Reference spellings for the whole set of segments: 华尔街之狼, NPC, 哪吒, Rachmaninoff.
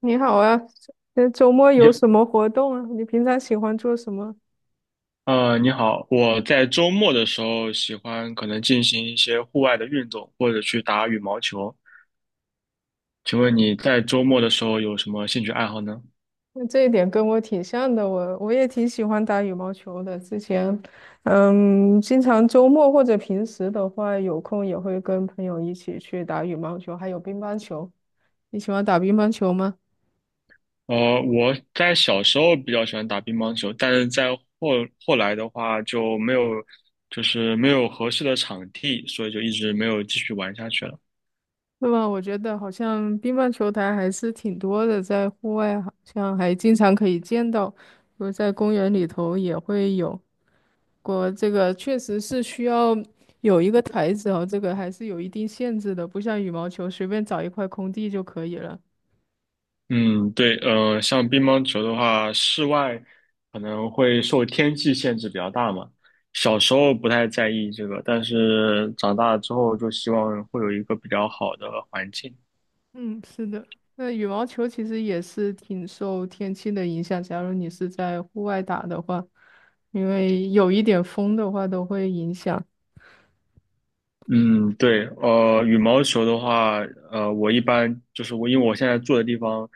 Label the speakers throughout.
Speaker 1: 你好啊，周末有
Speaker 2: 你
Speaker 1: 什么活动啊？你平常喜欢做什么？
Speaker 2: 你好，我在周末的时候喜欢可能进行一些户外的运动，或者去打羽毛球。请问你在周末的时候有什么兴趣爱好呢？
Speaker 1: 那这一点跟我挺像的，我也挺喜欢打羽毛球的。之前，嗯，经常周末或者平时的话，有空也会跟朋友一起去打羽毛球，还有乒乓球。你喜欢打乒乓球吗？
Speaker 2: 我在小时候比较喜欢打乒乓球，但是在后来的话就没有，就是没有合适的场地，所以就一直没有继续玩下去了。
Speaker 1: 那么我觉得好像乒乓球台还是挺多的，在户外好像还经常可以见到，比如在公园里头也会有。国这个确实是需要有一个台子哦，这个还是有一定限制的，不像羽毛球随便找一块空地就可以了。
Speaker 2: 嗯，对，像乒乓球的话，室外可能会受天气限制比较大嘛。小时候不太在意这个，但是长大之后就希望会有一个比较好的环境。
Speaker 1: 嗯，是的。那羽毛球其实也是挺受天气的影响，假如你是在户外打的话，因为有一点风的话都会影响。
Speaker 2: 嗯，对，羽毛球的话，我一般就是我，因为我现在住的地方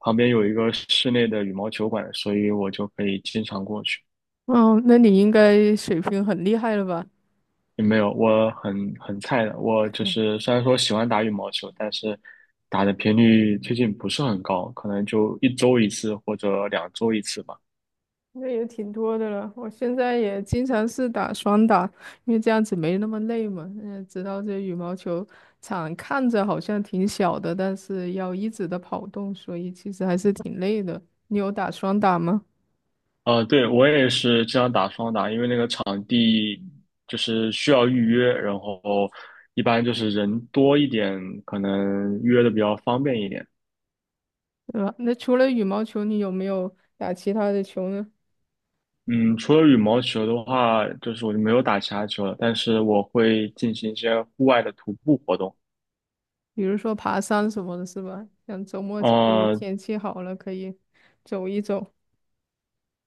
Speaker 2: 旁边有一个室内的羽毛球馆，所以我就可以经常过去。
Speaker 1: 哦，那你应该水平很厉害了吧？
Speaker 2: 也没有，我很菜的。我就是虽然说喜欢打羽毛球，但是打的频率最近不是很高，可能就一周一次或者两周一次吧。
Speaker 1: 那也挺多的了。我现在也经常是打双打，因为这样子没那么累嘛。嗯，知道这羽毛球场看着好像挺小的，但是要一直的跑动，所以其实还是挺累的。你有打双打吗？
Speaker 2: 对，我也是经常打双打，因为那个场地就是需要预约，然后一般就是人多一点，可能约的比较方便一点。
Speaker 1: 对吧？那除了羽毛球，你有没有打其他的球呢？
Speaker 2: 嗯，除了羽毛球的话，就是我就没有打其他球了，但是我会进行一些户外的徒步活动。
Speaker 1: 比如说爬山什么的，是吧？像周末这个
Speaker 2: 呃
Speaker 1: 天气好了，可以走一走。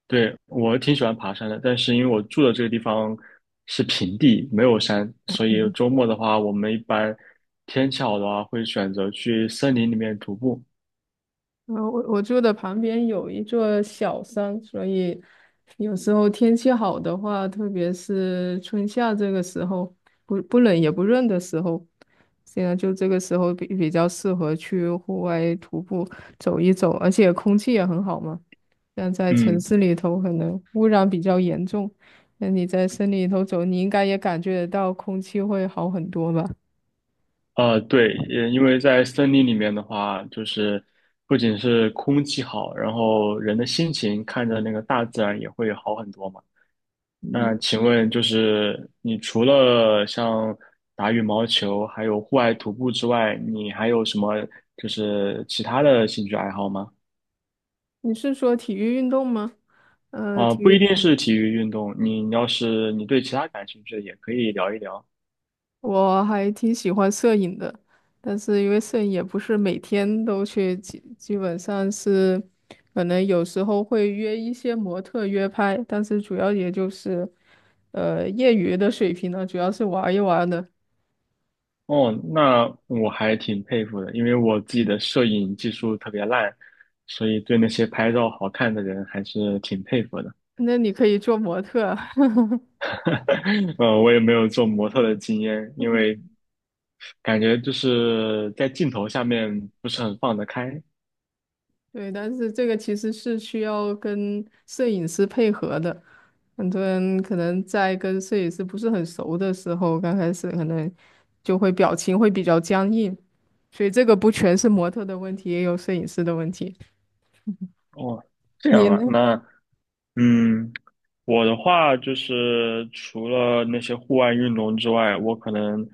Speaker 2: 对，我挺喜欢爬山的，但是因为我住的这个地方是平地，没有山，所以周末的话，我们一般天气好的话，会选择去森林里面徒步。
Speaker 1: 我住的旁边有一座小山，所以有时候天气好的话，特别是春夏这个时候，不冷也不热的时候，现在就这个时候比较适合去户外徒步走一走，而且空气也很好嘛。但在城
Speaker 2: 嗯，
Speaker 1: 市里头可能污染比较严重，那你在森林里头走，你应该也感觉得到空气会好很多吧？
Speaker 2: 对，也因为在森林里面的话，就是不仅是空气好，然后人的心情看着那个大自然也会好很多嘛。那请问，就是你除了像打羽毛球，还有户外徒步之外，你还有什么就是其他的兴趣爱好吗？
Speaker 1: 你是说体育运动吗？呃，
Speaker 2: 啊、
Speaker 1: 体
Speaker 2: 不一
Speaker 1: 育。
Speaker 2: 定是体育运动，你要是你对其他感兴趣的，也可以聊一聊。
Speaker 1: 我还挺喜欢摄影的，但是因为摄影也不是每天都去，基本上是可能有时候会约一些模特约拍，但是主要也就是业余的水平呢，主要是玩一玩的。
Speaker 2: 哦，那我还挺佩服的，因为我自己的摄影技术特别烂，所以对那些拍照好看的人还是挺佩服的。
Speaker 1: 那你可以做模特啊
Speaker 2: 我也没有做模特的经验，因 为感觉就是在镜头下面不是很放得开。
Speaker 1: 对，但是这个其实是需要跟摄影师配合的。很多人可能在跟摄影师不是很熟的时候，刚开始可能就会表情会比较僵硬，所以这个不全是模特的问题，也有摄影师的问题。
Speaker 2: 哦，这
Speaker 1: 你
Speaker 2: 样啊，
Speaker 1: 呢？
Speaker 2: 那嗯，我的话就是除了那些户外运动之外，我可能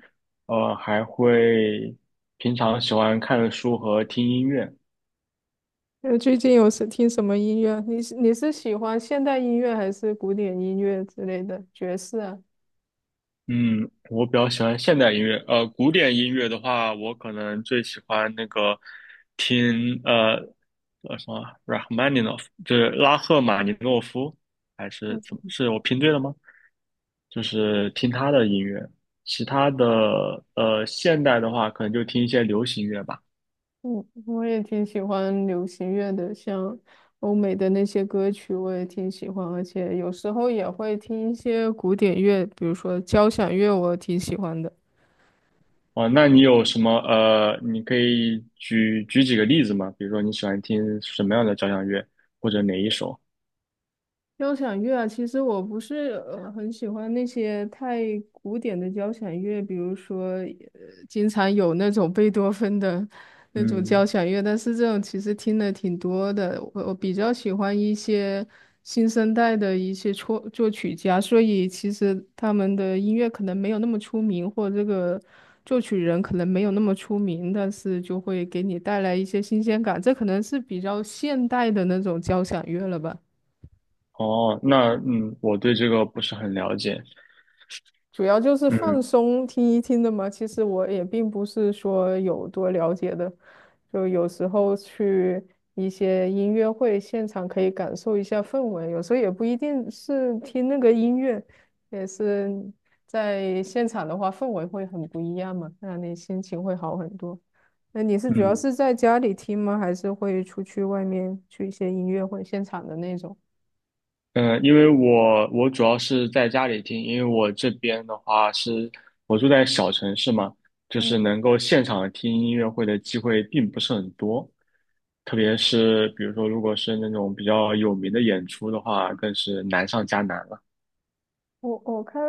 Speaker 2: 还会平常喜欢看书和听音乐。
Speaker 1: 呃，最近有是听什么音乐？你是喜欢现代音乐还是古典音乐之类的爵士啊？
Speaker 2: 嗯，我比较喜欢现代音乐。古典音乐的话，我可能最喜欢那个听呃呃什么 Rachmaninoff，就是拉赫玛尼诺夫，还是怎么？是我拼对了吗？就是听他的音乐。其他的现代的话，可能就听一些流行乐吧。
Speaker 1: 嗯，我也挺喜欢流行乐的，像欧美的那些歌曲，我也挺喜欢，而且有时候也会听一些古典乐，比如说交响乐，我挺喜欢的。
Speaker 2: 哦，那你有什么你可以举举几个例子吗？比如说你喜欢听什么样的交响乐，或者哪一首？
Speaker 1: 交响乐啊，其实我不是很喜欢那些太古典的交响乐，比如说，经常有那种贝多芬的那种交
Speaker 2: 嗯，
Speaker 1: 响乐，但是这种其实听的挺多的。我比较喜欢一些新生代的一些作曲家，所以其实他们的音乐可能没有那么出名，或者这个作曲人可能没有那么出名，但是就会给你带来一些新鲜感。这可能是比较现代的那种交响乐了吧。
Speaker 2: 哦，那嗯，我对这个不是很了解。
Speaker 1: 主要就是放
Speaker 2: 嗯
Speaker 1: 松听一听的嘛。其实我也并不是说有多了解的，就有时候去一些音乐会现场可以感受一下氛围，有时候也不一定是听那个音乐，也是在现场的话氛围会很不一样嘛，让你心情会好很多。那你是主要
Speaker 2: 嗯，
Speaker 1: 是在家里听吗？还是会出去外面去一些音乐会现场的那种？
Speaker 2: 嗯，因为我主要是在家里听，因为我这边的话是我住在小城市嘛，就是
Speaker 1: 嗯。
Speaker 2: 能够现场听音乐会的机会并不是很多，特别是比如说如果是那种比较有名的演出的话，更是难上加难了。
Speaker 1: 我我看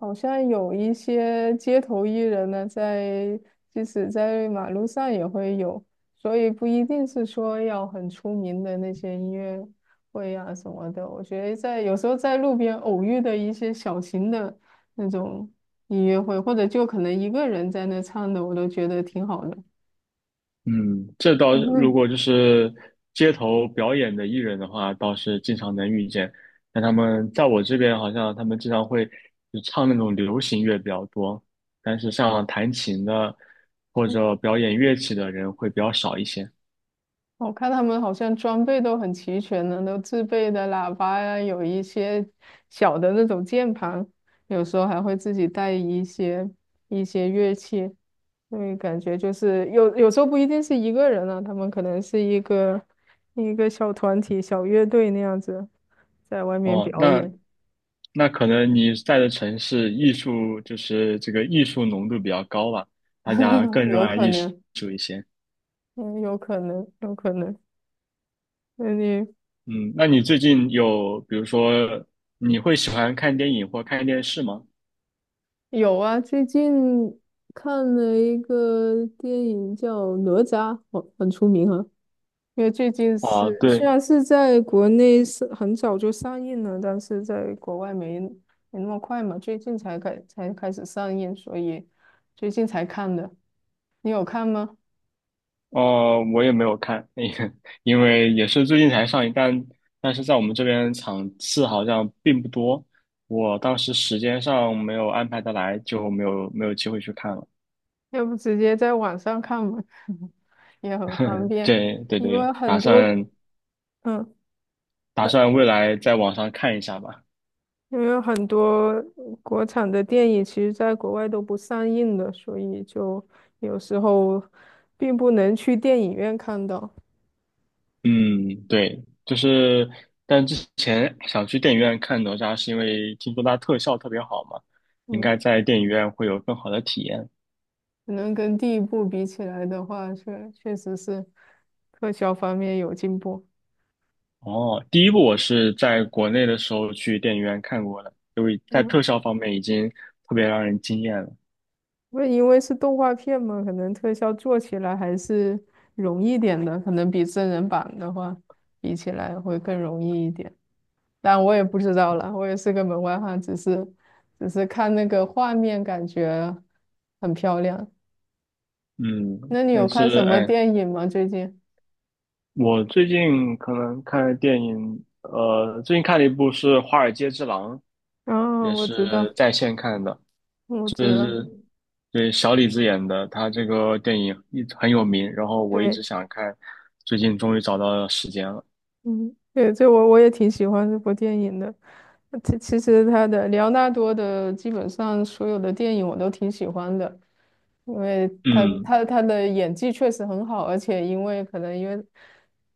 Speaker 1: 好像有一些街头艺人呢，在即使在马路上也会有，所以不一定是说要很出名的那些音乐会啊什么的。我觉得在有时候在路边偶遇的一些小型的那种音乐会，或者就可能一个人在那唱的，我都觉得挺好的。
Speaker 2: 嗯，这倒
Speaker 1: 嗯
Speaker 2: 是如
Speaker 1: 哼
Speaker 2: 果就是街头表演的艺人的话，倒是经常能遇见。但他们在我这边，好像他们经常会就唱那种流行乐比较多，但是像弹琴的或者表演乐器的人会比较少一些。
Speaker 1: 我看他们好像装备都很齐全呢，都自备的喇叭呀，有一些小的那种键盘，有时候还会自己带一些乐器，所以感觉就是有时候不一定是一个人啊，他们可能是一个小团体、小乐队那样子在外面
Speaker 2: 哦，
Speaker 1: 表
Speaker 2: 那
Speaker 1: 演，
Speaker 2: 那可能你在的城市艺术就是这个艺术浓度比较高吧，大家更 热
Speaker 1: 有
Speaker 2: 爱
Speaker 1: 可
Speaker 2: 艺
Speaker 1: 能，
Speaker 2: 术一些。
Speaker 1: 嗯，有可能，有可能。那你
Speaker 2: 嗯，那你最近有，比如说，你会喜欢看电影或看电视吗？
Speaker 1: 有啊，最近看了一个电影叫《哪吒》，很出名啊。因为最近
Speaker 2: 啊，
Speaker 1: 是虽
Speaker 2: 对，
Speaker 1: 然是在国内是很早就上映了，但是在国外没没那么快嘛，最近才开始上映，所以最近才看的。你有看吗？
Speaker 2: 我也没有看，因为也是最近才上映，但是在我们这边场次好像并不多，我当时时间上没有安排得来，就没有机会去看了。
Speaker 1: 要不直接在网上看吧，也很方便，
Speaker 2: 对对
Speaker 1: 因
Speaker 2: 对，
Speaker 1: 为
Speaker 2: 打
Speaker 1: 很多
Speaker 2: 算
Speaker 1: 嗯。
Speaker 2: 打算未来在网上看一下吧。
Speaker 1: 因为很多国产的电影其实在国外都不上映的，所以就有时候并不能去电影院看到。
Speaker 2: 嗯，对，就是，但之前想去电影院看哪吒，是因为听说它特效特别好嘛，应
Speaker 1: 嗯，
Speaker 2: 该在电影院会有更好的体验。
Speaker 1: 可能跟第一部比起来的话，确实是特效方面有进步。
Speaker 2: 哦，第一部我是在国内的时候去电影院看过的，因为在
Speaker 1: 嗯，
Speaker 2: 特效方面已经特别让人惊艳了。
Speaker 1: 那因为是动画片嘛，可能特效做起来还是容易点的，可能比真人版的话比起来会更容易一点。但我也不知道了，我也是个门外汉，只是看那个画面，感觉很漂亮。
Speaker 2: 嗯，
Speaker 1: 那你
Speaker 2: 但
Speaker 1: 有看
Speaker 2: 是
Speaker 1: 什么
Speaker 2: 哎，
Speaker 1: 电影吗？最近？
Speaker 2: 我最近可能看的电影，最近看了一部是《华尔街之狼》，
Speaker 1: 哦，
Speaker 2: 也
Speaker 1: 我知
Speaker 2: 是
Speaker 1: 道，
Speaker 2: 在线看的。
Speaker 1: 我
Speaker 2: 就
Speaker 1: 知道，
Speaker 2: 是对小李子演的，他这个电影一直很有名，然后我一
Speaker 1: 对，
Speaker 2: 直想看，最近终于找到了时间了。
Speaker 1: 嗯，对，这我也挺喜欢这部电影的。其实他的莱昂纳多的基本上所有的电影我都挺喜欢的，因为他
Speaker 2: 嗯
Speaker 1: 他他的演技确实很好，而且因为可能因为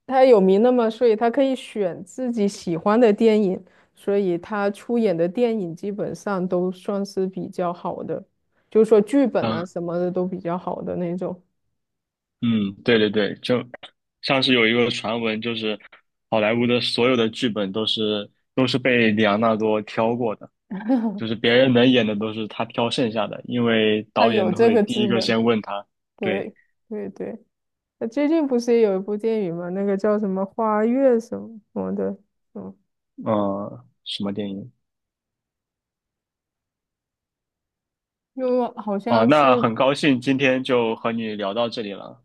Speaker 1: 他有名了嘛，所以他可以选自己喜欢的电影，所以他出演的电影基本上都算是比较好的，就是说剧本啊
Speaker 2: 嗯
Speaker 1: 什么的都比较好的那种，
Speaker 2: 嗯，对对对，就像是有一个传闻，就是好莱坞的所有的剧本都是被里昂纳多挑过的，就是别人能演的都是他挑剩下的，因为
Speaker 1: 他
Speaker 2: 导
Speaker 1: 有
Speaker 2: 演
Speaker 1: 这
Speaker 2: 会
Speaker 1: 个
Speaker 2: 第
Speaker 1: 资
Speaker 2: 一个
Speaker 1: 本，
Speaker 2: 先问他，对，
Speaker 1: 对对对。最近不是也有一部电影吗？那个叫什么《花月》什么什么的，嗯，
Speaker 2: 什么电影
Speaker 1: 又好
Speaker 2: 啊？
Speaker 1: 像是，
Speaker 2: 那很高兴今天就和你聊到这里了，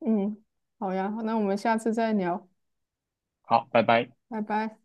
Speaker 1: 嗯，好呀，那我们下次再聊，
Speaker 2: 好，拜拜。
Speaker 1: 拜拜。